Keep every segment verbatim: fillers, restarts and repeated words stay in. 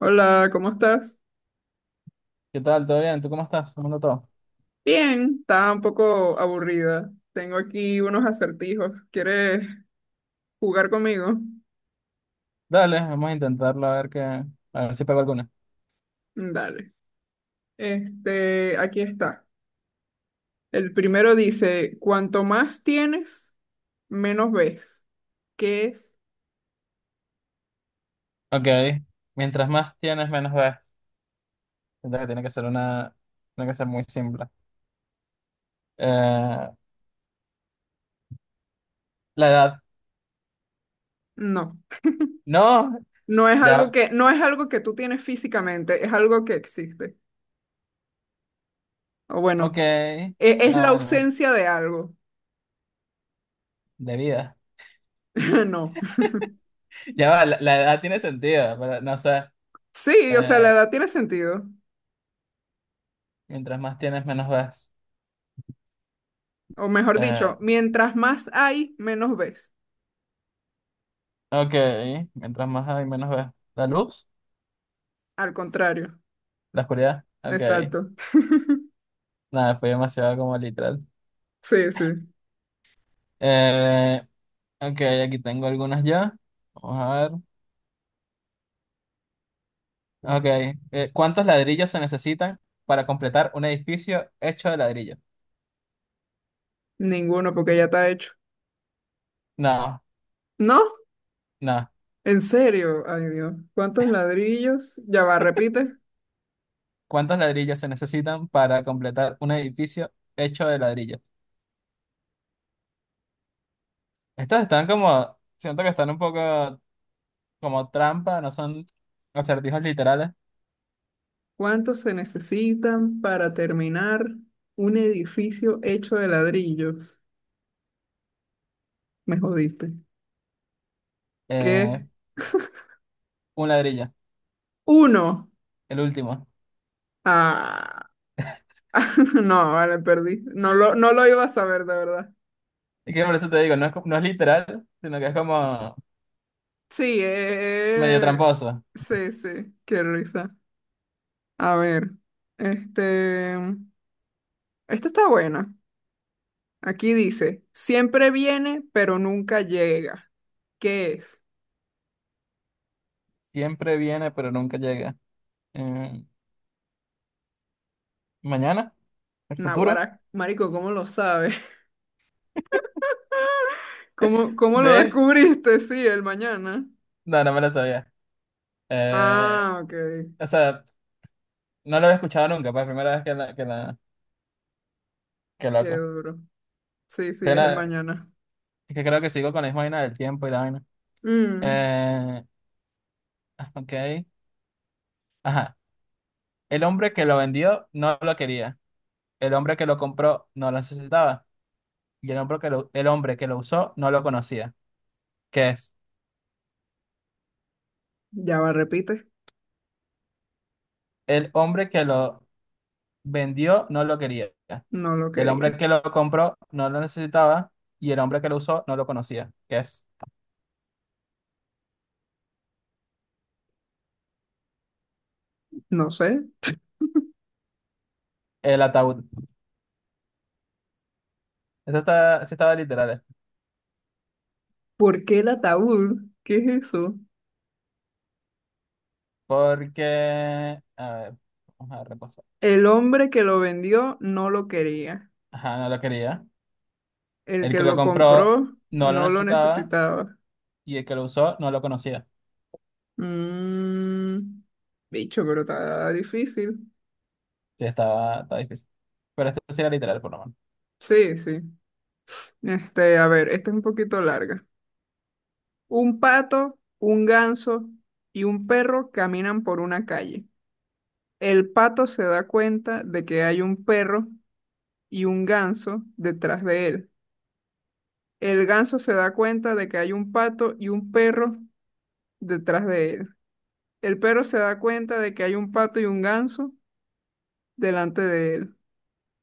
Hola, ¿cómo estás? ¿Qué tal? ¿Todo bien? ¿Tú cómo estás? ¿Cómo anda todo? Bien, está un poco aburrida. Tengo aquí unos acertijos. ¿Quieres jugar conmigo? Dale, vamos a intentarlo a ver que, a ver si pego alguna. Dale. Este, aquí está. El primero dice, cuanto más tienes, menos ves. ¿Qué es? Ok, mientras más tienes, menos ves. Siento que tiene que ser una, tiene que ser muy simple. Eh, la edad. No. No, No es algo ya, que, no es algo que tú tienes físicamente, es algo que existe. O ok. bueno, e- es No, la bueno, ausencia de algo. de vida. No. Ya va, la, la edad tiene sentido, pero no sé. Sí, o sea, la Eh, edad tiene sentido. Mientras más tienes, menos ves. O mejor Eh, dicho, mientras más hay, menos ves. ok, mientras más hay, menos ves. La luz, Al contrario, la oscuridad. Ok, exacto. nada, fue demasiado como literal. Sí, sí, Eh, Ok, aquí tengo algunas ya. Vamos a ver. Ok. Eh, ¿cuántos ladrillos se necesitan para completar un edificio hecho de ladrillos? ninguno porque ya está hecho. No, No, no. en serio, ay Dios, ¿cuántos ladrillos? Ya va, repite, ¿Cuántos ladrillos se necesitan para completar un edificio hecho de ladrillos? Estos están como, siento que están un poco como trampa, no son acertijos literales. ¿cuántos se necesitan para terminar un edificio hecho de ladrillos? Me jodiste. Eh, ¿Qué? un ladrillo, Uno. el último. Ah, no, vale, perdí. No lo, no lo iba a saber, de verdad. Y que por eso te digo, no es, co- no es literal, sino que es como Sí, medio eh, tramposo. sí, sí, qué risa. A ver, este... Esta está buena. Aquí dice, siempre viene, pero nunca llega. ¿Qué es? Siempre viene, pero nunca llega. Eh, Mañana, el futuro. Naguará, marico, ¿cómo lo sabes? ¿Cómo, cómo lo ¿Sí? descubriste? Sí, el mañana. No, no me la sabía. Eh, Ah, ok. o sea, no lo había escuchado nunca, pues, primera vez que la, que la, que Qué loco. duro. Sí, sí, es el Suena- mañana. es que creo que sigo con la misma vaina del tiempo y la vaina. Mm. Eh, ok. Ajá. El hombre que lo vendió no lo quería. El hombre que lo compró no lo necesitaba. Y el hombre que lo, el hombre que lo usó no lo conocía. ¿Qué es? Ya va, repite. El hombre que lo vendió no lo quería. No lo El hombre quería. que lo compró no lo necesitaba. Y el hombre que lo usó no lo conocía. ¿Qué es? No sé. El ataúd. Esta está, sí estaba literal, eh, ¿Por qué el ataúd? ¿Qué es eso? porque, a ver, vamos a repasar. El hombre que lo vendió no lo quería. Ajá, no lo quería. El El que que lo lo compró compró no lo no lo necesitaba necesitaba. y el que lo usó no lo conocía. Mm, bicho, pero está difícil. Sí, estaba, estaba difícil. Pero esto sí era literal, por lo menos. Sí, sí. Este, a ver, esta es un poquito larga. Un pato, un ganso y un perro caminan por una calle. El pato se da cuenta de que hay un perro y un ganso detrás de él. El ganso se da cuenta de que hay un pato y un perro detrás de él. El perro se da cuenta de que hay un pato y un ganso delante de él.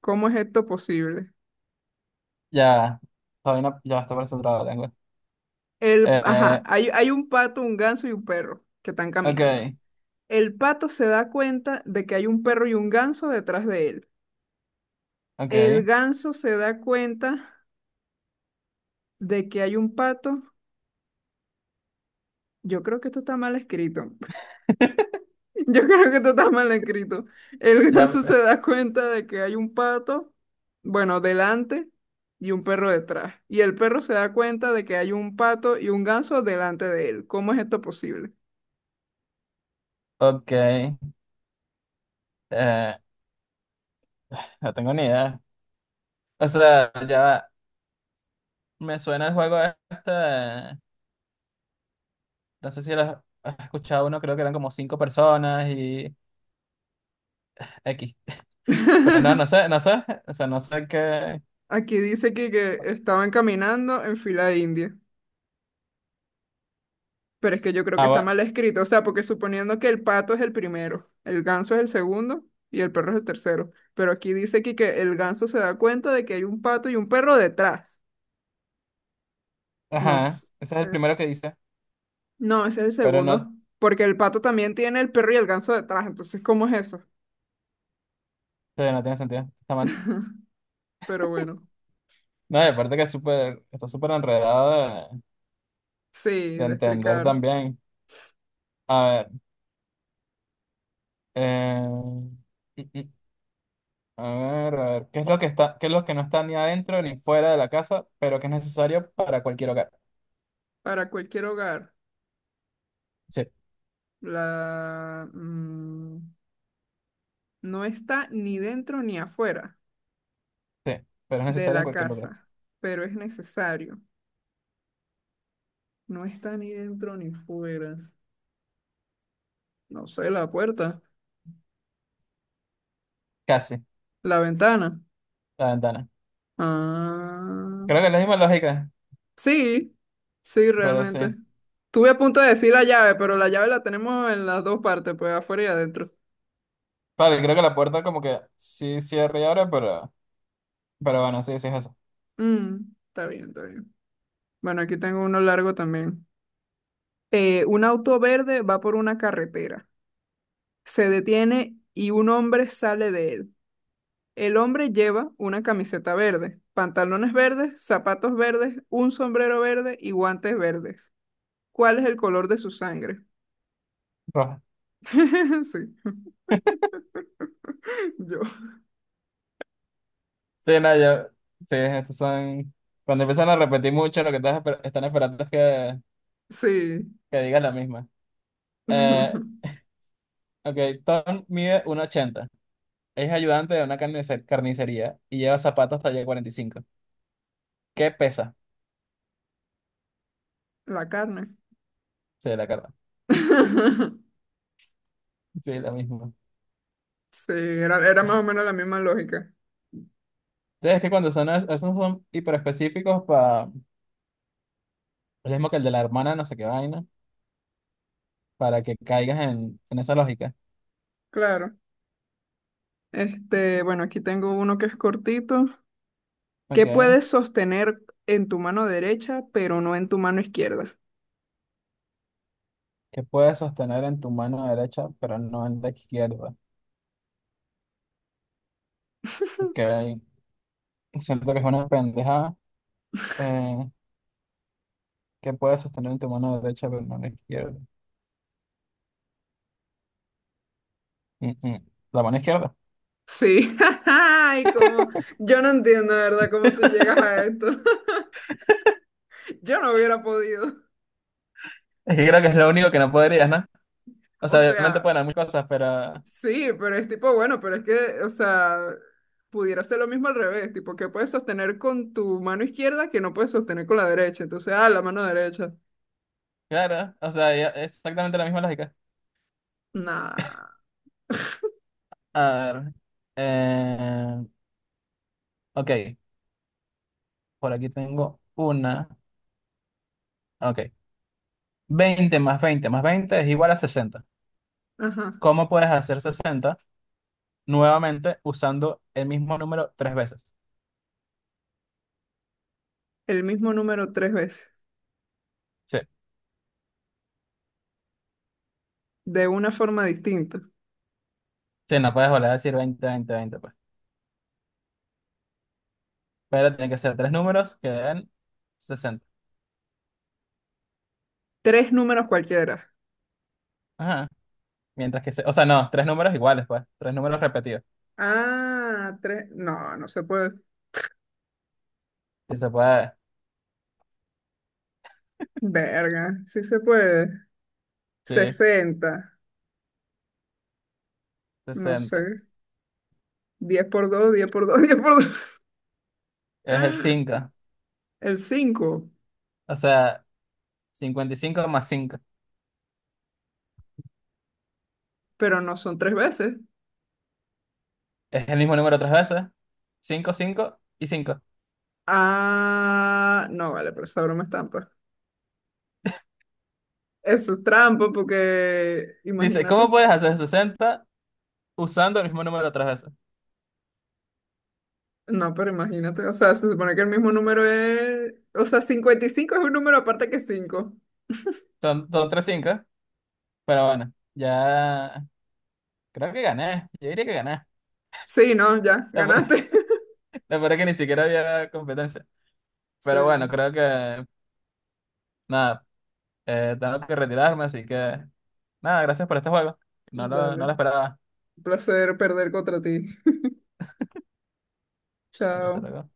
¿Cómo es esto posible? Ya, todavía no, ya está concentrado la lengua. El, ajá, Eh, hay, hay un pato, un ganso y un perro que están caminando. ok, El pato se da cuenta de que hay un perro y un ganso detrás de él. El ok. ganso se da cuenta de que hay un pato. Yo creo que esto está mal escrito. Yo creo que esto está mal escrito. El Ya, ganso se da cuenta de que hay un pato, bueno, delante y un perro detrás. Y el perro se da cuenta de que hay un pato y un ganso delante de él. ¿Cómo es esto posible? ok. Eh, no tengo ni idea. O sea, ya me suena el juego este. No sé si lo has escuchado uno, creo que eran como cinco personas y X. Pero no, no sé, no sé, o sea, no sé qué. Aquí dice que, que estaban caminando en fila india, pero es que yo creo que Ah, está bueno, mal escrito, o sea, porque suponiendo que el pato es el primero, el ganso es el segundo y el perro es el tercero, pero aquí dice que, que el ganso se da cuenta de que hay un pato y un perro detrás. No, ajá, s- ese es el eh, primero que dice, no, ese es el pero no, sí, segundo, porque el pato también tiene el perro y el ganso detrás, entonces, ¿cómo es eso? no tiene sentido, está mal. Pero bueno, No, y aparte que es súper, está súper enredado de, sí, de de entender explicar también. A ver, eh, mm, mm, a ver, a ver, ¿qué es lo que está, ¿qué es lo que no está ni adentro ni fuera de la casa, pero que es necesario para cualquier hogar? para cualquier hogar, Sí, sí, la... mm, no está ni dentro ni afuera. pero es De necesario en la cualquier lugar, casa, pero es necesario. No está ni dentro ni fuera. No sé, la puerta, casi, la ventana. la ventana. Ah, Creo que es la misma lógica, sí, sí, pero sí. realmente. Estuve a punto de decir la llave, pero la llave la tenemos en las dos partes, pues afuera y adentro. Vale, creo que la puerta como que sí cierra y abre, pero, pero bueno, sí, sí es eso. Mm, está bien, está bien. Bueno, aquí tengo uno largo también. Eh, un auto verde va por una carretera, se detiene y un hombre sale de él. El hombre lleva una camiseta verde, pantalones verdes, zapatos verdes, un sombrero verde y guantes verdes. ¿Cuál es el color de su sangre? Roja. Sí, yo. Sí, no, yo, sí, estos son, cuando empiezan a repetir mucho, lo que estás esper- están esperando es que, Sí. que digas la misma. Eh, ok, Tom mide uno ochenta. Es ayudante de una carnice- carnicería y lleva zapatos talla cuarenta y cinco. ¿Qué pesa? La carne. Sí, la carta. Sí, la misma. Sí, era, era más o menos la misma lógica. Sí, es que cuando son, es- esos son hiperespecíficos para, lo mismo que el de la hermana, no sé qué vaina, para que caigas en, en esa lógica. Claro. Este, bueno, aquí tengo uno que es cortito. ¿Qué Ok, puedes sostener en tu mano derecha, pero no en tu mano izquierda? ¿qué puedes sostener en tu mano derecha, pero no en la izquierda? Ok. Siento que es una pendeja eh, que puedes sostener en tu mano derecha, pero no en la izquierda. Mm, mm. La mano izquierda. Sí. Ay, cómo. Yo no entiendo, de ¿verdad? ¿Cómo tú llegas a esto? Yo no hubiera podido. Es que creo que es lo único que no podrías, ¿no? O O sea, obviamente sea, pueden haber muchas cosas, pero sí, pero es tipo, bueno, pero es que, o sea, pudiera ser lo mismo al revés, tipo, ¿qué puedes sostener con tu mano izquierda que no puedes sostener con la derecha? Entonces, ah, la mano derecha. claro, o sea, ya- es exactamente la misma lógica. Nah. A ver, eh, ok, por aquí tengo una, ok. Veinte más veinte más veinte es igual a sesenta. Ajá. ¿Cómo puedes hacer sesenta nuevamente usando el mismo número tres veces? El mismo número tres veces, Sí, de una forma distinta. sí, no puedes volver a decir veinte veinte 20. Pero tienen que ser tres números que den sesenta. Tres números cualquiera. Ajá. Mientras que se... O sea, no, tres números iguales, pues. Tres números repetidos. Ah, tres. No, no se puede. Si se puede. Verga, sí se puede. Sí, Sesenta, no sesenta. sé. Diez por dos, diez por dos, diez por dos. Es el cinco. El cinco, O sea, cincuenta y cinco más cinco. pero no son tres veces. Es el mismo número tres veces. Cinco, cinco y cinco. Ah, no, vale, pero esa broma es trampa. Eso es trampa porque, Dice, imagínate. ¿cómo puedes hacer sesenta usando el mismo número tres veces? No, pero imagínate, o sea, se supone que el mismo número es, o sea, cincuenta y cinco es un número aparte que cinco. Son, son tres cinco. Pero bueno, ya creo que gané. Yo diría que gané. Sí, no, ya, ganaste. La verdad es que ni siquiera había competencia. Sí, Pero bueno, creo que... Nada, Eh, tengo que retirarme, así que nada, gracias por este juego. No lo, dale. No lo Un esperaba. placer perder contra ti. Hasta Chao. luego.